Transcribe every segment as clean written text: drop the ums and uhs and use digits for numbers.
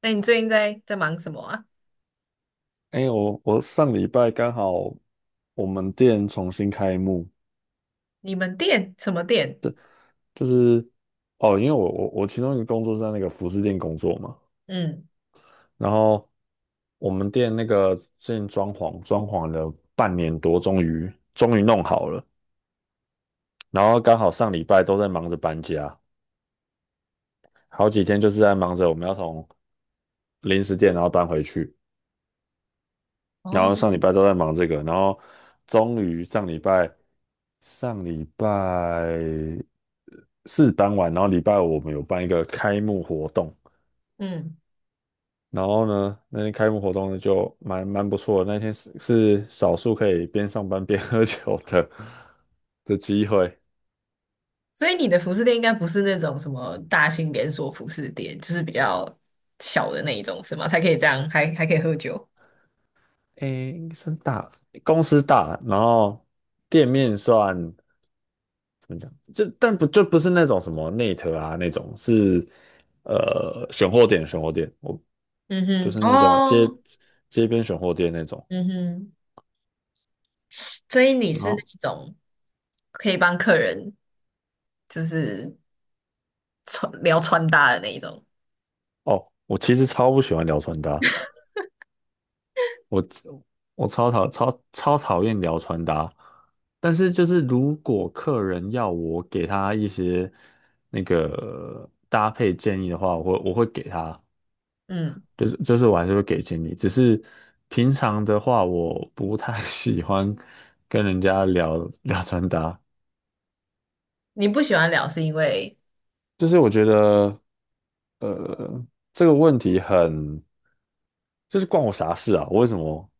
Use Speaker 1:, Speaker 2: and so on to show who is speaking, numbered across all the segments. Speaker 1: 那你最近在忙什么啊？
Speaker 2: 哎、我上礼拜刚好我们店重新开幕，
Speaker 1: 你们店什么店？
Speaker 2: 就是哦，因为我其中一个工作是在那个服饰店工作嘛，
Speaker 1: 嗯
Speaker 2: 然后我们店那个最近装潢装潢了半年多，终于弄好了，然后刚好上礼拜都在忙着搬家，好几天就是在忙着我们要从零食店然后搬回去，然
Speaker 1: 哦，
Speaker 2: 后上礼拜都在忙这个，然后终于上礼拜四搬晚，然后礼拜五我们有办一个开幕活动，
Speaker 1: 嗯，
Speaker 2: 然后呢，那天开幕活动呢就蛮不错的，那天是少数可以边上班边 喝酒的机会。
Speaker 1: 所以你的服饰店应该不是那种什么大型连锁服饰店，就是比较小的那一种，是吗？才可以这样，还可以喝酒。
Speaker 2: 诶，应该算大，公司大，然后店面算就不是那种什么内特啊那种，是选货点我
Speaker 1: 嗯
Speaker 2: 就
Speaker 1: 哼，
Speaker 2: 是那种街
Speaker 1: 哦，
Speaker 2: 街边选货店那种。
Speaker 1: 嗯哼，所以你
Speaker 2: 然
Speaker 1: 是那
Speaker 2: 后
Speaker 1: 一种可以帮客人就是穿搭的那一种。
Speaker 2: 哦，我其实超不喜欢聊穿搭，我我超超讨厌聊穿搭。但是就是如果客人要我给他一些那个搭配建议的话，我会给他，
Speaker 1: 嗯，
Speaker 2: 就是我还是会给建议。只是平常的话，我不太 喜欢跟人家聊聊穿搭，
Speaker 1: 你不喜欢聊是因为
Speaker 2: 就是我觉得呃这个问题很。就是关我啥事啊？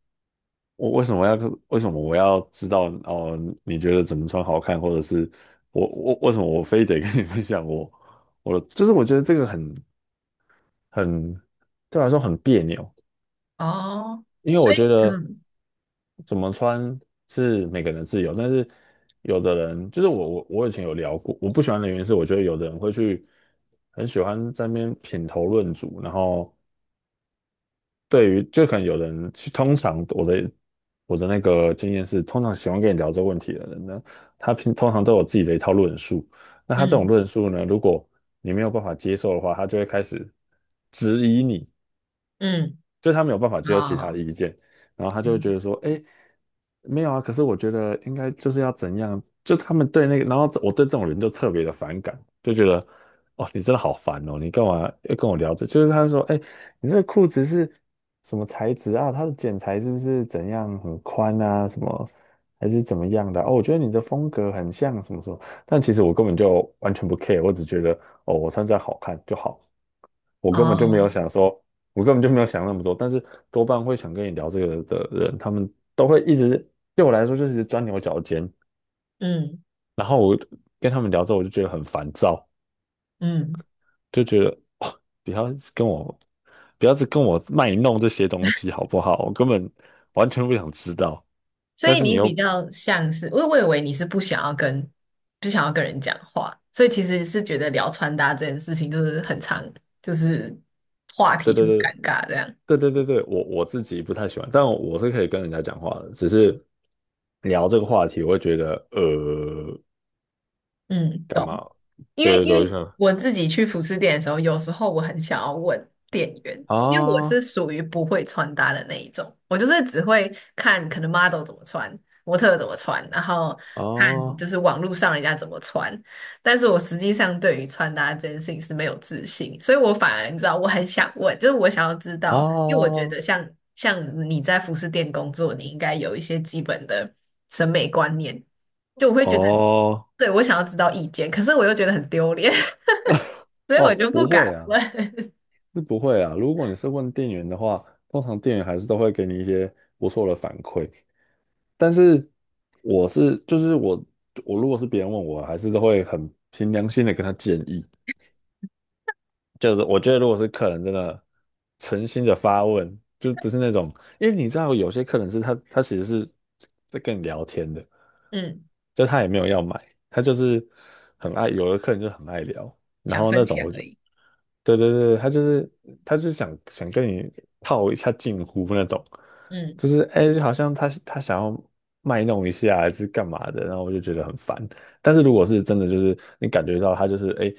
Speaker 2: 我为什么要为什么我要知道哦？你觉得怎么穿好看，或者是我为什么我非得跟你 分享我的？就是我觉得这个很对我来说很别扭，
Speaker 1: 哦，
Speaker 2: 因为
Speaker 1: 所
Speaker 2: 我觉
Speaker 1: 以
Speaker 2: 得
Speaker 1: 嗯
Speaker 2: 怎么穿是每个人的自由，但是有的人就是我以前有聊过，我不喜欢的原因是我觉得有的人会去很喜欢在那边品头论足，然后。对于就可能有人，通常我的那个经验是，通常喜欢跟你聊这个问题的人呢，他通常都有自己的一套论述。那他这种
Speaker 1: 嗯
Speaker 2: 论述呢，如果你没有办法接受的话，他就会开始质疑你，
Speaker 1: 嗯，
Speaker 2: 就是他没有办法接受其他的
Speaker 1: 哦
Speaker 2: 意见，然后他就会觉
Speaker 1: 嗯
Speaker 2: 得说，哎，没有啊，可是我觉得应该就是要怎样，就他们对那个，然后我对这种人就特别的反感，就觉得，哦，你真的好烦哦，你干嘛要跟我聊这？就是他就说，哎，你这个裤子是什么材质啊？它的剪裁是不是怎样很宽啊？什么还是怎么样的啊哦，我觉得你的风格很像什么什么，但其实我根本就完全不 care，我只觉得，哦，我穿这样好看就好。我根本就没有
Speaker 1: 哦
Speaker 2: 想说，我根本就没有想那么多，但是多半会想跟你聊这个的人，他们都会一直对我来说就是一直钻牛角尖，
Speaker 1: 嗯
Speaker 2: 然后我跟他们聊之后，我就觉得很烦躁，
Speaker 1: 嗯。
Speaker 2: 就觉得哦，不要一直跟我卖弄这些东西好不好？我根本完全不想知道，
Speaker 1: 所
Speaker 2: 但
Speaker 1: 以
Speaker 2: 是你
Speaker 1: 你
Speaker 2: 又。
Speaker 1: 比较像是，我以为你是不想要跟人讲话，所以其实是觉得聊穿搭这件事情就是很常，就是话
Speaker 2: 对
Speaker 1: 题就
Speaker 2: 对
Speaker 1: 很
Speaker 2: 对。
Speaker 1: 尴尬这样。
Speaker 2: 对对对对，我自己不太喜欢，但我是可以跟人家讲话的，只是聊这个话题，我会觉得
Speaker 1: 嗯，
Speaker 2: 干嘛？
Speaker 1: 懂。因为
Speaker 2: 对对
Speaker 1: 因
Speaker 2: 对，我就
Speaker 1: 为
Speaker 2: 想
Speaker 1: 我自己去服饰店的时候，有时候我很想要问店员，因为我是
Speaker 2: 啊，
Speaker 1: 属于不会穿搭的那一种，我就是只会看可能 model 怎么穿，模特怎么穿，然后看
Speaker 2: 啊
Speaker 1: 就是网络上人家怎么穿，但是我实际上对于穿搭这件事情是没有自信，所以我反而你知道我很想问，就是我想要知道，因为我觉
Speaker 2: 啊
Speaker 1: 得像你在服饰店工作，你应该有一些基本的审美观念。就我会觉得，
Speaker 2: 哦
Speaker 1: 对，我想要知道意见，可是我又觉得很丢脸，所以我
Speaker 2: 哦，
Speaker 1: 就
Speaker 2: 不
Speaker 1: 不
Speaker 2: 会
Speaker 1: 敢
Speaker 2: 啊，
Speaker 1: 问。
Speaker 2: 是不会啊。如果你是问店员的话，通常店员还是都会给你一些不错的反馈。但是我是就是我我如果是别人问我，还是都会很凭良心的跟他建议。就是我觉得，如果是客人真的诚心的发问，就不是那种，因为你知道有些客人是他其实是在跟你聊天的，
Speaker 1: 嗯，
Speaker 2: 就他也没有要买，他就是很爱，有的客人就很爱聊，然
Speaker 1: 想
Speaker 2: 后
Speaker 1: 分
Speaker 2: 那种
Speaker 1: 享
Speaker 2: 我就，
Speaker 1: 而已。
Speaker 2: 对对对，他就是想跟你套一下近乎那种，
Speaker 1: 嗯
Speaker 2: 就是哎，就好像他想要卖弄一下还是干嘛的，然后我就觉得很烦。但是如果是真的，就是你感觉到他就是哎。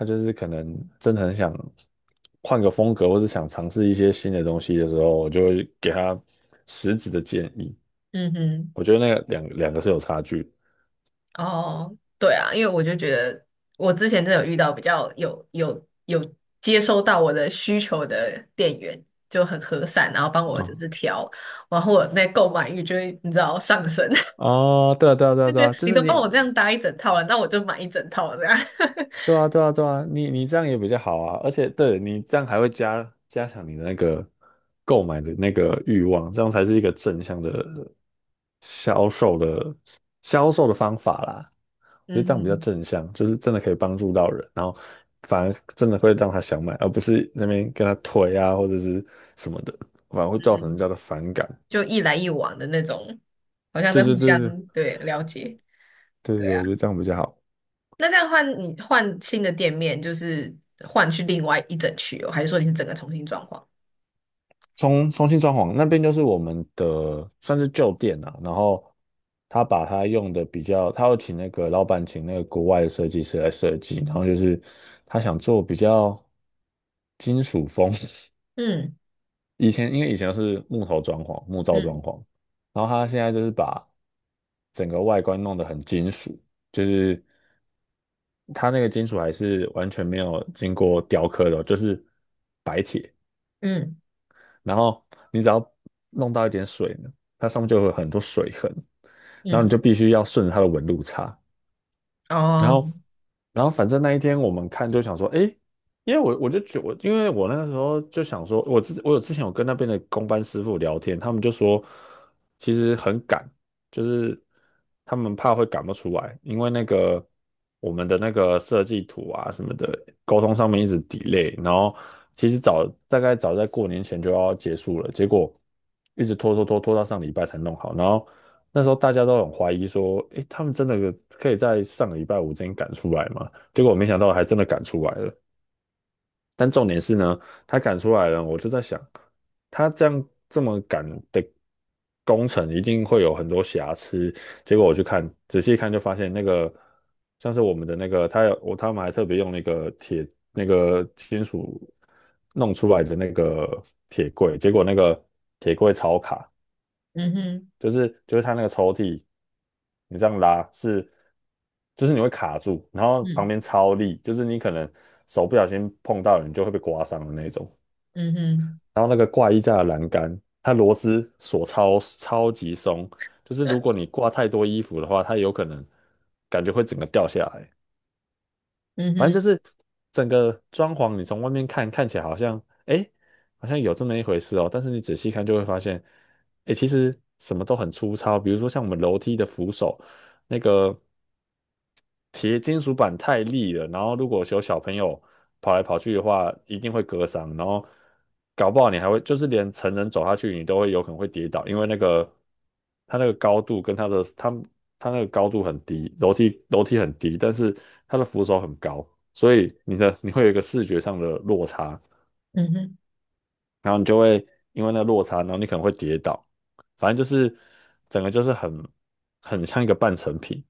Speaker 2: 他就是可能真的很想换个风格，或是想尝试一些新的东西的时候，我就会给他实质的建议。
Speaker 1: 嗯哼，
Speaker 2: 我觉得那个两个是有差距
Speaker 1: 哦，对啊，因为我就觉得我之前真的有遇到比较有接收到我的需求的店员就很和善，然后帮我就
Speaker 2: 啊
Speaker 1: 是挑，然后我那购买欲就会你知道上升，
Speaker 2: 啊。哦对啊，对啊，对
Speaker 1: 就
Speaker 2: 啊，对
Speaker 1: 觉
Speaker 2: 啊，
Speaker 1: 得
Speaker 2: 就
Speaker 1: 你
Speaker 2: 是
Speaker 1: 都帮
Speaker 2: 你
Speaker 1: 我这样搭一整套了，那我就买一整套这样。
Speaker 2: 对啊，对啊，对啊，你这样也比较好啊，而且对你这样还会加强你的那个购买的那个欲望，这样才是一个正向的销售的销售的方法啦。我觉得
Speaker 1: 嗯
Speaker 2: 这样比较
Speaker 1: 哼
Speaker 2: 正向，就是真的可以帮助到人，然后反而真的会让他想买，而不是那边跟他推啊或者是什么的，反而
Speaker 1: 嗯
Speaker 2: 会造成人
Speaker 1: 哼
Speaker 2: 家的反感。
Speaker 1: 就一来一往的那种，好像
Speaker 2: 对
Speaker 1: 在
Speaker 2: 对
Speaker 1: 互
Speaker 2: 对
Speaker 1: 相
Speaker 2: 对
Speaker 1: 对了解。
Speaker 2: 对
Speaker 1: 对
Speaker 2: 对，
Speaker 1: 啊，
Speaker 2: 我觉得这样比较好。
Speaker 1: 那这样换你换新的店面，就是换去另外一整区哦，还是说你是整个重新装潢？
Speaker 2: 重新装潢那边就是我们的算是旧店啊，然后他把他用的比较，他要请那个老板请那个国外的设计师来设计，然后就是他想做比较金属风，
Speaker 1: 嗯
Speaker 2: 因为以前是木头装潢、木造
Speaker 1: 嗯
Speaker 2: 装潢，然后他现在就是把整个外观弄得很金属，就是它那个金属还是完全没有经过雕刻的哦就是白铁。
Speaker 1: 嗯
Speaker 2: 然后你只要弄到一点水呢，它上面就会有很多水痕，然后你
Speaker 1: 嗯，
Speaker 2: 就必须要顺着它的纹路擦，然
Speaker 1: 哦，
Speaker 2: 后，然后反正那一天我们看就想说，诶，因为我那个时候就想说，我之我有之前有跟那边的工班师傅聊天，他们就说其实很赶，就是他们怕会赶不出来，因为那个我们的那个设计图啊什么的沟通上面一直 delay，然后其实大概早在过年前就要结束了，结果一直拖拖拖拖到上礼拜才弄好，然后那时候大家都很怀疑说，诶，他们真的可以在上个礼拜五之前赶出来吗？结果我没想到还真的赶出来了。但重点是呢，他赶出来了，我就在想，他这样这么赶的工程一定会有很多瑕疵。结果我去看，仔细看就发现那个像是我们的那个，他有我他们还特别用那个铁那个金属弄出来的那个铁柜，结果那个铁柜超卡。
Speaker 1: 嗯哼，
Speaker 2: 就是它那个抽屉，你这样拉是，就是你会卡住，然后旁
Speaker 1: 嗯
Speaker 2: 边超力，就是你可能手不小心碰到了，你就会被刮伤的那种。
Speaker 1: 嗯哼，
Speaker 2: 然后那个挂衣架的栏杆，它螺丝锁超超级松，就是如果 你挂太多衣服的话，它有可能感觉会整个掉下来。
Speaker 1: 嗯
Speaker 2: 反正就
Speaker 1: 哼，
Speaker 2: 是整个装潢，你从外面看起来好像，哎，好像有这么一回事哦。但是你仔细看就会发现，哎，其实什么都很粗糙。比如说像我们楼梯的扶手，那个铁金属板太利了，然后如果有小朋友跑来跑去的话，一定会割伤，然后搞不好你还会就是连成人走下去，你都会有可能会跌倒，因为那个它那个高度跟它的它它那个高度很低，楼梯很低，但是它的扶手很高，所以你会有一个视觉上的落差。
Speaker 1: 嗯哼，
Speaker 2: 然后你就会因为那个落差，然后你可能会跌倒，反正就是整个就是很像一个半成品，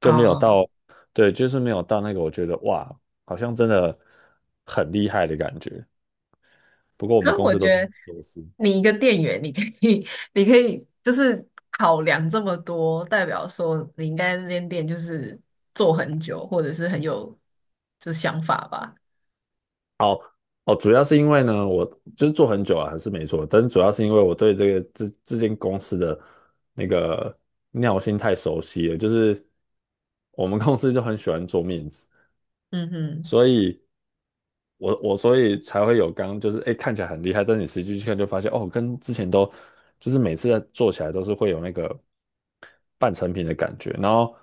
Speaker 2: 就没有
Speaker 1: 哦，
Speaker 2: 到，对，就是没有到那个我觉得哇，好像真的很厉害的感觉。不过我们
Speaker 1: 可
Speaker 2: 公
Speaker 1: 我
Speaker 2: 司
Speaker 1: 觉
Speaker 2: 都是这
Speaker 1: 得
Speaker 2: 样做事。
Speaker 1: 你一个店员，你可以，你可以就是考量这么多，代表说你应该那间店就是做很久，或者是很有就是想法吧。
Speaker 2: 哦哦，主要是因为呢，我就是做很久了，还是没错，但是主要是因为我对这间公司的那个尿性太熟悉了，就是我们公司就很喜欢做面子。
Speaker 1: 嗯哼，
Speaker 2: 所以我所以才会有刚就是哎、诶看起来很厉害，但你实际去看就发现哦，跟之前都就是每次在做起来都是会有那个半成品的感觉。然后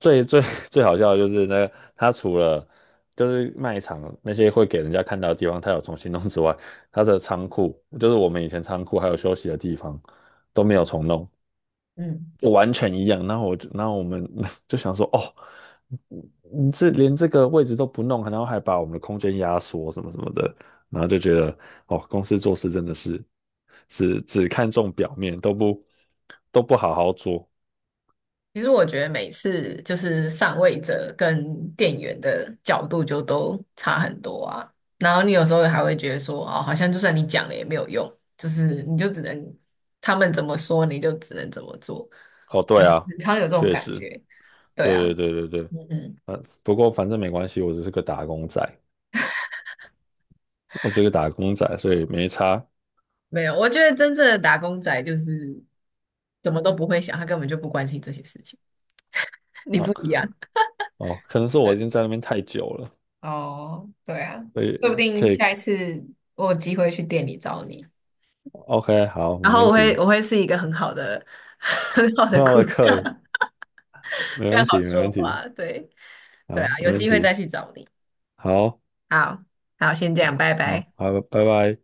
Speaker 2: 最最 最好笑的就是那个他除了就是卖场那些会给人家看到的地方，他有重新弄之外，他的仓库就是我们以前仓库还有休息的地方都没有重弄，
Speaker 1: 嗯，
Speaker 2: 完全一样。然后我就，然后我们 就想说，哦，你这连这个位置都不弄，然后还把我们的空间压缩什么什么的，然后就觉得，哦，公司做事真的是只看重表面，都不好好做。
Speaker 1: 其实我觉得每次就是上位者跟店员的角度就都差很多啊。然后你有时候还会觉得说，哦，好像就算你讲了也没有用，就是你就只能他们怎么说你就只能怎么做，
Speaker 2: 哦，
Speaker 1: 有
Speaker 2: 对啊，
Speaker 1: 很常有这种
Speaker 2: 确
Speaker 1: 感
Speaker 2: 实，
Speaker 1: 觉。对啊，
Speaker 2: 对对对对对，
Speaker 1: 嗯嗯，
Speaker 2: 不过反正没关系，我只是个打工仔，我只是个打工仔，所以没差。
Speaker 1: 没有，我觉得真正的打工仔就是什么都不会想，他根本就不关心这些事情。你
Speaker 2: 哦
Speaker 1: 不一样，
Speaker 2: 哦，可能是我
Speaker 1: 对。
Speaker 2: 已经在那边太久了，
Speaker 1: 哦，对啊，
Speaker 2: 所
Speaker 1: 说不
Speaker 2: 以
Speaker 1: 定
Speaker 2: 可以
Speaker 1: 下一次我有机会去店里找你。
Speaker 2: ，OK，好，
Speaker 1: 然
Speaker 2: 没
Speaker 1: 后
Speaker 2: 问
Speaker 1: 我会
Speaker 2: 题。
Speaker 1: 我会是一个很好的 很好的
Speaker 2: 很好
Speaker 1: 顾
Speaker 2: 的课，
Speaker 1: 客，
Speaker 2: 没
Speaker 1: 非
Speaker 2: 问
Speaker 1: 常
Speaker 2: 题，
Speaker 1: 好
Speaker 2: 没
Speaker 1: 说
Speaker 2: 问题，
Speaker 1: 话，对对
Speaker 2: 好，
Speaker 1: 啊，
Speaker 2: 没
Speaker 1: 有
Speaker 2: 问
Speaker 1: 机会再
Speaker 2: 题，
Speaker 1: 去找你。
Speaker 2: 好，
Speaker 1: 好，好，先这样，拜拜。
Speaker 2: 好，好，拜拜。